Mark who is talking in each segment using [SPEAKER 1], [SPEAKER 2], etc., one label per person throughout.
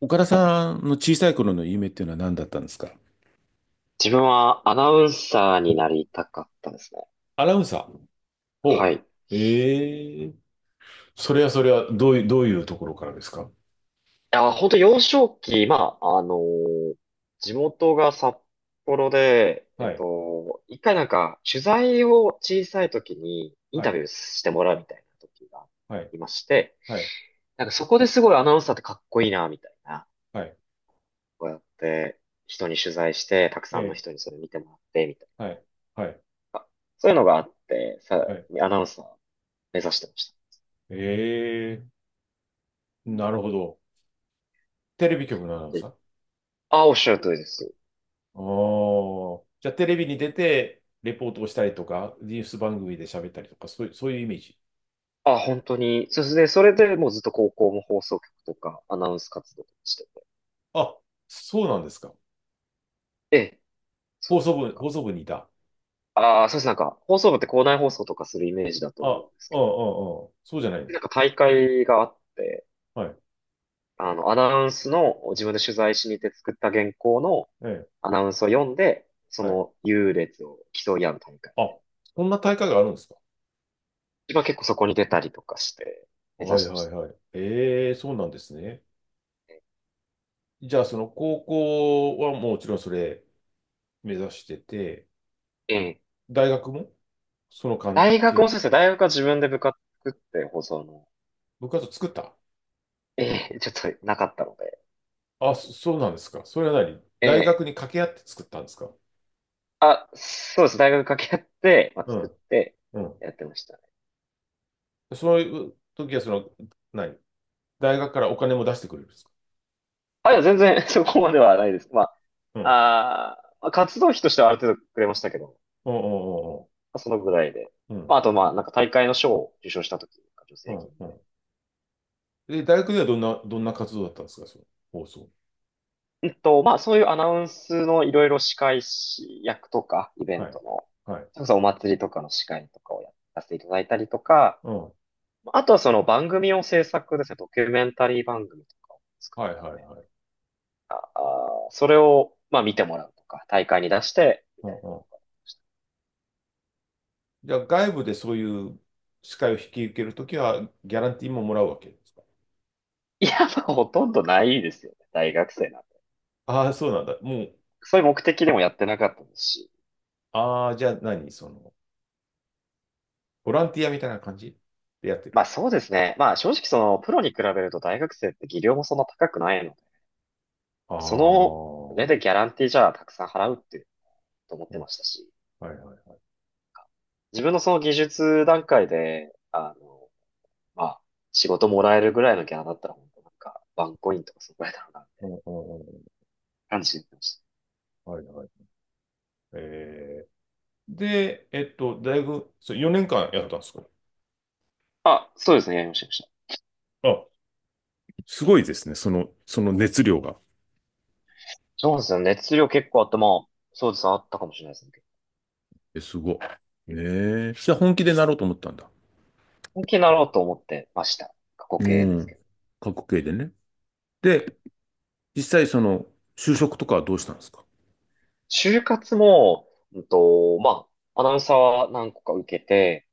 [SPEAKER 1] 岡田さんの小さい頃の夢っていうのは何だったんですか？
[SPEAKER 2] 自分はアナウンサーになりたかったですね。
[SPEAKER 1] アナウンサー。お、
[SPEAKER 2] は
[SPEAKER 1] う。
[SPEAKER 2] い。い
[SPEAKER 1] ええ。それはそれは、どういうところからですか？
[SPEAKER 2] や、本当幼少期、まあ、地元が札幌で、
[SPEAKER 1] はい、
[SPEAKER 2] 一回なんか、取材を小さい時にイン
[SPEAKER 1] は
[SPEAKER 2] タ
[SPEAKER 1] い、
[SPEAKER 2] ビューしてもらうみたいな時が
[SPEAKER 1] はい、
[SPEAKER 2] いまして、
[SPEAKER 1] はい、
[SPEAKER 2] なんかそこですごいアナウンサーってかっこいいな、みたいな、
[SPEAKER 1] はい、
[SPEAKER 2] こうやって人に取材して、たく
[SPEAKER 1] え
[SPEAKER 2] さんの
[SPEAKER 1] え、
[SPEAKER 2] 人にそれ見てもらって、みたい
[SPEAKER 1] は
[SPEAKER 2] な、
[SPEAKER 1] い、はい、
[SPEAKER 2] そういうのがあって、
[SPEAKER 1] はい。
[SPEAKER 2] アナウンサー目指してまし
[SPEAKER 1] ええ、なるほど。テレビ局のアナウン
[SPEAKER 2] た。で、
[SPEAKER 1] サー？
[SPEAKER 2] ああ、おっしゃる通りです。
[SPEAKER 1] ああ。じゃあ、テレビに出て、レポートをしたりとか、ニュース番組で喋ったりとか、そういうイメージ。
[SPEAKER 2] あ、本当に。そうですね。それでもうずっと高校も放送局とかアナウンス活動してて。
[SPEAKER 1] あ、そうなんですか。
[SPEAKER 2] ええ、そう
[SPEAKER 1] 放
[SPEAKER 2] です
[SPEAKER 1] 送
[SPEAKER 2] ね。なん
[SPEAKER 1] 部、
[SPEAKER 2] か、
[SPEAKER 1] 放送部にいた。
[SPEAKER 2] ああ、そうです。なんか、放送部って校内放送とかするイメージだと
[SPEAKER 1] あ、
[SPEAKER 2] 思うんです
[SPEAKER 1] うん
[SPEAKER 2] け
[SPEAKER 1] う
[SPEAKER 2] ど、
[SPEAKER 1] んうん。そうじゃないの。
[SPEAKER 2] なんか大会があって、
[SPEAKER 1] はい、
[SPEAKER 2] あの、アナウンスの自分で取材しに行って作った原稿の
[SPEAKER 1] ええ、
[SPEAKER 2] アナウンスを読んで、そ
[SPEAKER 1] はい。
[SPEAKER 2] の優劣を競い合う大会。
[SPEAKER 1] あ、そんな大会があるんですか？
[SPEAKER 2] 自分は結構そこに出たりとかして目指
[SPEAKER 1] はい
[SPEAKER 2] してま
[SPEAKER 1] は
[SPEAKER 2] し
[SPEAKER 1] い
[SPEAKER 2] た
[SPEAKER 1] はい。ええ、そうなんですね。
[SPEAKER 2] ね。
[SPEAKER 1] じゃあ、その高校はもちろんそれ目指してて、
[SPEAKER 2] ええ。
[SPEAKER 1] 大学もその関
[SPEAKER 2] 大学
[SPEAKER 1] 係
[SPEAKER 2] もそうですね。
[SPEAKER 1] と。
[SPEAKER 2] 大学は自分で部活作って放送の、
[SPEAKER 1] 部活作った？
[SPEAKER 2] ええ、ちょっとなかったので、
[SPEAKER 1] あ、そうなんですか。それは何
[SPEAKER 2] え
[SPEAKER 1] 大
[SPEAKER 2] え。
[SPEAKER 1] 学に掛け合って作ったんですか？
[SPEAKER 2] あ、そうです。大学掛け合って、まあ、
[SPEAKER 1] う
[SPEAKER 2] 作っ
[SPEAKER 1] ん、
[SPEAKER 2] て
[SPEAKER 1] うん。
[SPEAKER 2] やってましたね。
[SPEAKER 1] そういう時は、何大学からお金も出してくれるんですか？
[SPEAKER 2] あ、いや、全然 そこまではないです。ま
[SPEAKER 1] うん、
[SPEAKER 2] あ、まあ、活動費としてはある程度くれましたけど、ま
[SPEAKER 1] うん、うん、
[SPEAKER 2] あそのぐらいで。
[SPEAKER 1] うん、
[SPEAKER 2] まあ、あと、まあ、なんか大会の賞を受賞した時とか、助
[SPEAKER 1] うん、
[SPEAKER 2] 成
[SPEAKER 1] うん。
[SPEAKER 2] 金み
[SPEAKER 1] う
[SPEAKER 2] たい
[SPEAKER 1] ん。で、大学ではどんな活動だったんですか、その放送。
[SPEAKER 2] な。まあ、そういうアナウンスのいろいろ司会役とか、イベン
[SPEAKER 1] はい。
[SPEAKER 2] トの、
[SPEAKER 1] はい。
[SPEAKER 2] それこそお祭りとかの司会とかをやらせていただいたりとか、
[SPEAKER 1] うん。は
[SPEAKER 2] まあとはその番組を制作ですね、ドキュメンタリー番組とかを
[SPEAKER 1] い、はい、はい。
[SPEAKER 2] あそれを、まあ見てもらうとか、大会に出して、み
[SPEAKER 1] う
[SPEAKER 2] た
[SPEAKER 1] ん
[SPEAKER 2] い
[SPEAKER 1] うん。じゃあ、外部でそういう司会を引き受けるときは、ギャランティーももらうわけですか？
[SPEAKER 2] な。いや、まあほとんどないですよね。大学生なんて。
[SPEAKER 1] ああー、そうなんだ。もう、
[SPEAKER 2] そういう目的でもやってなかったですし。
[SPEAKER 1] ああ、じゃあ何ボランティアみたいな感じでやってる。
[SPEAKER 2] まあそうですね。まあ正直その、プロに比べると大学生って技量もそんな高くないので、
[SPEAKER 1] ああ、
[SPEAKER 2] その上
[SPEAKER 1] う
[SPEAKER 2] でギャランティーじゃあたくさん払うっていうと思っ
[SPEAKER 1] ん
[SPEAKER 2] てましたし、
[SPEAKER 1] はいはい。
[SPEAKER 2] 自分のその技術段階で、あの、まあ、仕事もらえるぐらいのギャラだったら、本当なんか、ワンコインとかそこらいだろうな、っ
[SPEAKER 1] う
[SPEAKER 2] て
[SPEAKER 1] んうんうん
[SPEAKER 2] 感じで言ってました。
[SPEAKER 1] はいはい。えーで、大学、そう4年間やったんですか？
[SPEAKER 2] あ、そうですね、やりました、やりました。
[SPEAKER 1] あ、すごいですね。その熱量が。
[SPEAKER 2] そうですよね。熱量結構あって、まあ、そうですね、あったかもしれないですね。
[SPEAKER 1] え、すごい。ええ、じゃあ本気でなろうと思ったんだ。
[SPEAKER 2] 本気になろうと思ってました。過去
[SPEAKER 1] う
[SPEAKER 2] 形ですけ
[SPEAKER 1] ん。
[SPEAKER 2] ど。
[SPEAKER 1] 過去形でね。で、実際就職とかはどうしたんですか？
[SPEAKER 2] 就活も、まあ、アナウンサーは何個か受けて、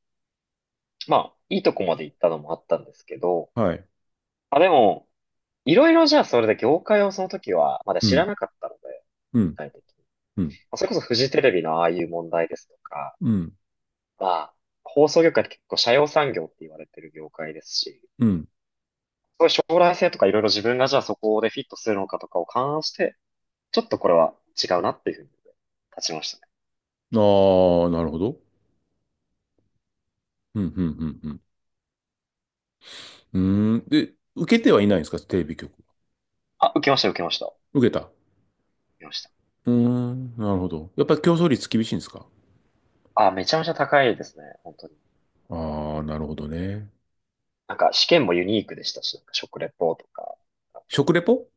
[SPEAKER 2] まあ、いいとこまで行ったのもあったんですけど、
[SPEAKER 1] はい。
[SPEAKER 2] あ、でも、いろいろじゃあそれで業界をその時はまだ
[SPEAKER 1] う
[SPEAKER 2] 知ら
[SPEAKER 1] ん、
[SPEAKER 2] なかったので、
[SPEAKER 1] う
[SPEAKER 2] 具
[SPEAKER 1] ん、
[SPEAKER 2] 体的に。ま
[SPEAKER 1] うん、
[SPEAKER 2] あそれこそフジテレビのああいう問題ですとか、
[SPEAKER 1] うん、
[SPEAKER 2] まあ、放送業界って結構社用産業って言われてる業界ですし、
[SPEAKER 1] うん。
[SPEAKER 2] そういう将来性とかいろいろ自分がじゃあそこでフィットするのかとかを勘案して、ちょっとこれは違うなっていうふうに立ちましたね。
[SPEAKER 1] ああ、なるほど。うん、うん、うん、うん。うーん。で、受けてはいないんですか、テレビ局。
[SPEAKER 2] あ、受けました、受けました。受
[SPEAKER 1] 受けた。
[SPEAKER 2] けました。
[SPEAKER 1] うーん、なるほど。やっぱり競争率厳しいんですか？
[SPEAKER 2] あ、めちゃめちゃ高いですね、本当に。
[SPEAKER 1] ああー、なるほどね。
[SPEAKER 2] なんか試験もユニークでしたし、なんか食レポとか、あと
[SPEAKER 1] 食レポ？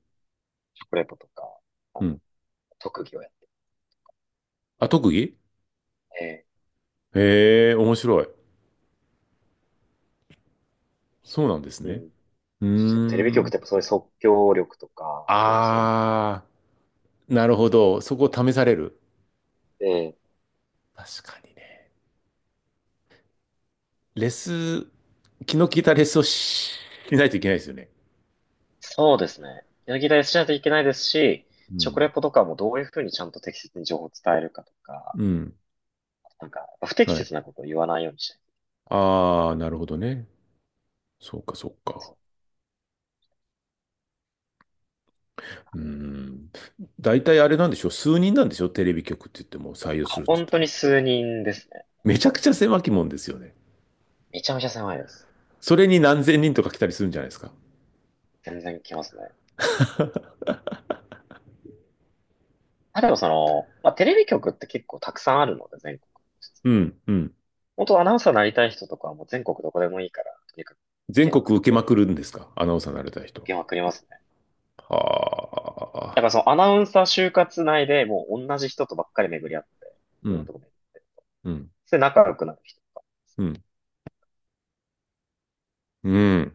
[SPEAKER 2] 食レポとか、あ
[SPEAKER 1] う
[SPEAKER 2] の
[SPEAKER 1] ん。
[SPEAKER 2] 特技をやって
[SPEAKER 1] あ、特技？
[SPEAKER 2] て、
[SPEAKER 1] へえ、面白い。そうなんです
[SPEAKER 2] う
[SPEAKER 1] ね。
[SPEAKER 2] ん。
[SPEAKER 1] う
[SPEAKER 2] そしてテレビ
[SPEAKER 1] ー
[SPEAKER 2] 局っ
[SPEAKER 1] ん。
[SPEAKER 2] てやっぱそういう即興力とか、いろいろそういうのもあって
[SPEAKER 1] ああ、なるほど。そこを試される。
[SPEAKER 2] て、
[SPEAKER 1] 確かにね。レス気の利いたレッスンしないといけないですよね。
[SPEAKER 2] そうですね。やり田やしないといけないですし、
[SPEAKER 1] う
[SPEAKER 2] 食
[SPEAKER 1] ん。
[SPEAKER 2] レポとかもどういうふうにちゃんと適切に情報を伝えるかとか、
[SPEAKER 1] うん。
[SPEAKER 2] なんか、不適
[SPEAKER 1] はい。
[SPEAKER 2] 切なことを言わないようにしたい。
[SPEAKER 1] ああ、なるほどね。そうか、そう
[SPEAKER 2] そ
[SPEAKER 1] か。
[SPEAKER 2] う
[SPEAKER 1] うん。大体あれなんでしょう。数人なんでしょう。テレビ局って言っても採用するって言っ
[SPEAKER 2] 本
[SPEAKER 1] ても。
[SPEAKER 2] 当に数人ですね。本
[SPEAKER 1] めち
[SPEAKER 2] 当
[SPEAKER 1] ゃく
[SPEAKER 2] に。
[SPEAKER 1] ちゃ狭き門ですよね。
[SPEAKER 2] めちゃめちゃ狭いです。
[SPEAKER 1] それに何千人とか来たりするんじゃないですか。
[SPEAKER 2] 全然来ますね。まあ、でもその、まあ、テレビ局って結構たくさんあるので、全国。
[SPEAKER 1] うん、うん。
[SPEAKER 2] 本当アナウンサーになりたい人とかはもう全国どこでもいいから、とにかく受け
[SPEAKER 1] 全
[SPEAKER 2] ま
[SPEAKER 1] 国
[SPEAKER 2] くっ
[SPEAKER 1] 受け
[SPEAKER 2] て、
[SPEAKER 1] ま
[SPEAKER 2] み
[SPEAKER 1] く
[SPEAKER 2] たい
[SPEAKER 1] る
[SPEAKER 2] な。
[SPEAKER 1] んですか。アナウンサーになれた人
[SPEAKER 2] 受けまくりますね。
[SPEAKER 1] は。は
[SPEAKER 2] だから
[SPEAKER 1] あ。
[SPEAKER 2] そのアナウンサー就活内でもう同じ人とばっかり巡り合って、い
[SPEAKER 1] う
[SPEAKER 2] ろんな
[SPEAKER 1] ん、
[SPEAKER 2] とこ巡り。
[SPEAKER 1] うん、
[SPEAKER 2] それで仲良くなる人とか。
[SPEAKER 1] うん、うん、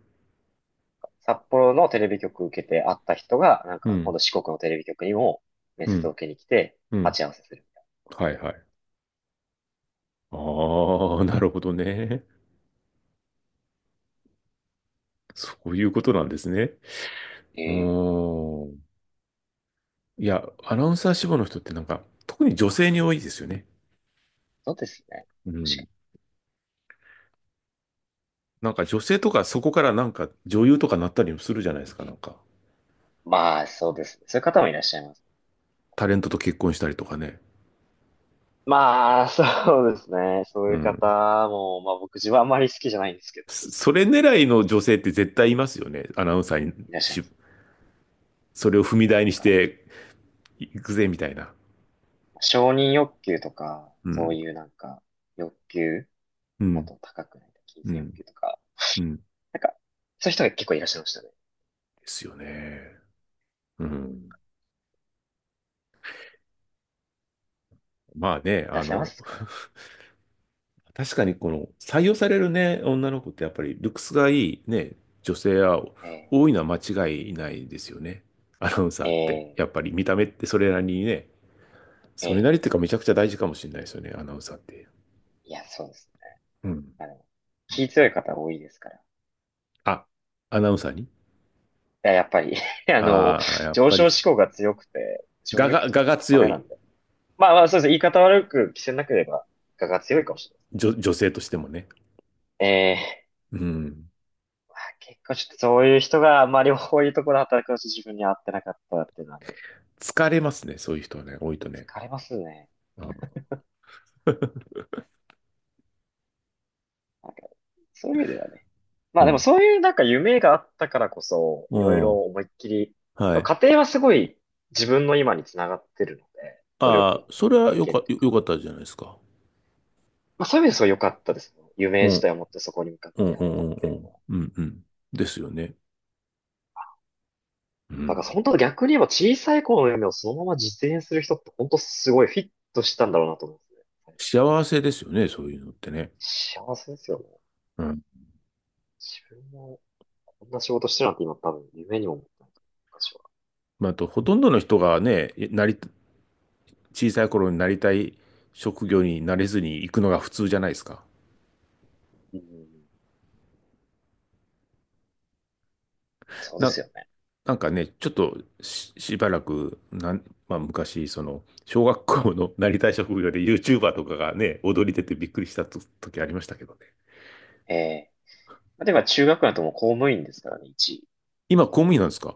[SPEAKER 2] 札幌のテレビ局受けて会った人が、なん
[SPEAKER 1] う
[SPEAKER 2] か今
[SPEAKER 1] ん、
[SPEAKER 2] 度四国のテレビ局にも面
[SPEAKER 1] う
[SPEAKER 2] 接
[SPEAKER 1] ん、
[SPEAKER 2] を受けに来て、
[SPEAKER 1] うん。
[SPEAKER 2] 鉢合わせする。
[SPEAKER 1] はい、はい。ああ、なるほどね。そういうことなんですね。
[SPEAKER 2] え
[SPEAKER 1] う
[SPEAKER 2] え、
[SPEAKER 1] ーん。いや、アナウンサー志望の人ってなんか、特に女性に多いですよね。
[SPEAKER 2] そうですね。
[SPEAKER 1] う
[SPEAKER 2] 確か
[SPEAKER 1] ん。
[SPEAKER 2] に。
[SPEAKER 1] なんか女性とかそこからなんか女優とかなったりもするじゃないですか、なんか。
[SPEAKER 2] まあ、そうですね。そういう方もいらっしゃいます。
[SPEAKER 1] タレントと結婚したりとかね。
[SPEAKER 2] まあ、そうですね。そう
[SPEAKER 1] う
[SPEAKER 2] いう方
[SPEAKER 1] ん。
[SPEAKER 2] も、まあ僕自分はあまり好きじゃないんですけど、
[SPEAKER 1] それ狙いの女性って絶対いますよね。アナウンサーに
[SPEAKER 2] いらっしゃい
[SPEAKER 1] し、
[SPEAKER 2] ます。
[SPEAKER 1] それを踏み
[SPEAKER 2] なん
[SPEAKER 1] 台にし
[SPEAKER 2] か、
[SPEAKER 1] ていくぜ、みたいな。
[SPEAKER 2] 承認欲求とか、
[SPEAKER 1] う
[SPEAKER 2] そう
[SPEAKER 1] ん。
[SPEAKER 2] いうなんか、欲求、
[SPEAKER 1] う
[SPEAKER 2] もっ
[SPEAKER 1] ん。
[SPEAKER 2] と高くないと、金
[SPEAKER 1] う
[SPEAKER 2] 銭欲
[SPEAKER 1] ん。
[SPEAKER 2] 求とか、
[SPEAKER 1] うん。で
[SPEAKER 2] なんか、そういう人が結構いらっしゃいましたね。
[SPEAKER 1] すよね。うん。まあね、
[SPEAKER 2] 出せますから
[SPEAKER 1] 確かにこの採用されるね、女の子ってやっぱりルックスがいいね、女性は
[SPEAKER 2] ね。
[SPEAKER 1] 多いのは間違いないですよね。アナウンサ
[SPEAKER 2] え
[SPEAKER 1] ーって。
[SPEAKER 2] え
[SPEAKER 1] やっ
[SPEAKER 2] ええ
[SPEAKER 1] ぱり見た目ってそれなりにね、それ
[SPEAKER 2] ええ。
[SPEAKER 1] なりっていうかめちゃくちゃ大事かもしれないですよね、アナウンサーって。
[SPEAKER 2] いや、そうです
[SPEAKER 1] うん。
[SPEAKER 2] ね。あの、気強い方多いですから。い
[SPEAKER 1] あ、アナウンサーに。
[SPEAKER 2] や、やっぱり あの、
[SPEAKER 1] ああー、やっ
[SPEAKER 2] 上
[SPEAKER 1] ぱり、
[SPEAKER 2] 昇志向が強くて、承認
[SPEAKER 1] 我
[SPEAKER 2] 欲
[SPEAKER 1] が、
[SPEAKER 2] 求とか
[SPEAKER 1] 我が
[SPEAKER 2] 高
[SPEAKER 1] 強
[SPEAKER 2] めな
[SPEAKER 1] い
[SPEAKER 2] んで、まあまあ、そうですね。言い方悪く着せなければ、我が強いかもしれない。
[SPEAKER 1] 女性としてもね。
[SPEAKER 2] ええ。
[SPEAKER 1] うん。
[SPEAKER 2] まあ、結構ちょっとそういう人が、まあ両方いいところで働くのと自分に合ってなかったっていうのはあります、
[SPEAKER 1] 疲れますね、そういう人はね、多いとね。
[SPEAKER 2] 疲れますね。
[SPEAKER 1] うん。
[SPEAKER 2] なんか、そういう意味ではね。ま
[SPEAKER 1] う
[SPEAKER 2] あでも
[SPEAKER 1] ん。
[SPEAKER 2] そういうなんか夢があったからこそ、
[SPEAKER 1] う
[SPEAKER 2] いろいろ
[SPEAKER 1] ん
[SPEAKER 2] 思いっきり、
[SPEAKER 1] はい。
[SPEAKER 2] 家庭はすごい自分の今につながってるので、努力
[SPEAKER 1] あ
[SPEAKER 2] の
[SPEAKER 1] あ、それは
[SPEAKER 2] 経験と
[SPEAKER 1] よか
[SPEAKER 2] か。
[SPEAKER 1] ったじゃないですか。
[SPEAKER 2] まあそういう意味ですごい良かったですね。夢
[SPEAKER 1] う
[SPEAKER 2] 自
[SPEAKER 1] ん。
[SPEAKER 2] 体を持ってそこに向かっ
[SPEAKER 1] う
[SPEAKER 2] て
[SPEAKER 1] ん
[SPEAKER 2] や
[SPEAKER 1] う
[SPEAKER 2] れたっ
[SPEAKER 1] んうん
[SPEAKER 2] て
[SPEAKER 1] う
[SPEAKER 2] いう。
[SPEAKER 1] ん。うんうん。ですよね。う
[SPEAKER 2] だから
[SPEAKER 1] ん。
[SPEAKER 2] 本当逆に言えば小さい頃の夢をそのまま実現する人って本当すごいフィットしたんだろうなと思うんですね。最初から。
[SPEAKER 1] 幸せですよね、そういうのってね。
[SPEAKER 2] 幸せですよね。
[SPEAKER 1] うん。
[SPEAKER 2] 自分もこんな仕事してるなんて今多分夢にも思ってないと思う。私は。
[SPEAKER 1] まあ、あと、ほとんどの人がね、小さい頃になりたい職業になれずに行くのが普通じゃないですか。
[SPEAKER 2] うん。そうで
[SPEAKER 1] な、
[SPEAKER 2] すよね。
[SPEAKER 1] なんかね、ちょっとしばらく、まあ、昔、小学校のなりたい職業で YouTuber とかがね、踊り出てびっくりしたと時ありましたけどね。
[SPEAKER 2] ええ。まあでも中学だともう公務員ですからね、一位。
[SPEAKER 1] 今、公務員なんですか？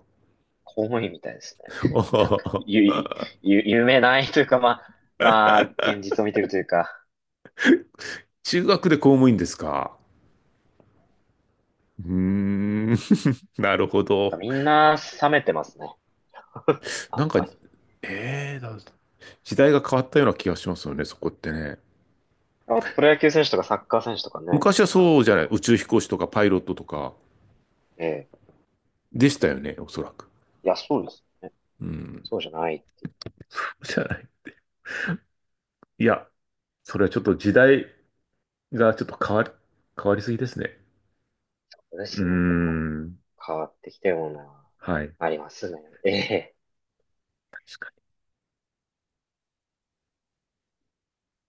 [SPEAKER 2] 公務員みたいですね。
[SPEAKER 1] あ は
[SPEAKER 2] たく、
[SPEAKER 1] は
[SPEAKER 2] ゆ、
[SPEAKER 1] は
[SPEAKER 2] ゆ、夢ないというか、まあ、まあ、現実を見てるというか、
[SPEAKER 1] 中学で公務員ですか？うーん。なるほ
[SPEAKER 2] なんか
[SPEAKER 1] ど。
[SPEAKER 2] みんな冷めてますね。あ
[SPEAKER 1] な
[SPEAKER 2] ん
[SPEAKER 1] んか、
[SPEAKER 2] まり。
[SPEAKER 1] ええだ、時代が変わったような気がしますよね、そこってね。
[SPEAKER 2] あとプロ野球選手とかサッカー選手とかね、
[SPEAKER 1] 昔は
[SPEAKER 2] あの、
[SPEAKER 1] そうじゃ
[SPEAKER 2] と
[SPEAKER 1] ない。
[SPEAKER 2] ころ。
[SPEAKER 1] 宇宙飛行士とかパイロットとか
[SPEAKER 2] ええ。
[SPEAKER 1] でしたよね、おそらく。
[SPEAKER 2] いや、そうですね。
[SPEAKER 1] うん。
[SPEAKER 2] そうじゃないっていう
[SPEAKER 1] じゃない。いや、それはちょっと時代がちょっと変わりすぎですね。
[SPEAKER 2] ことで
[SPEAKER 1] うー
[SPEAKER 2] すね。結構
[SPEAKER 1] ん。
[SPEAKER 2] 変わってきたような、
[SPEAKER 1] はい。
[SPEAKER 2] ありますね。ええ。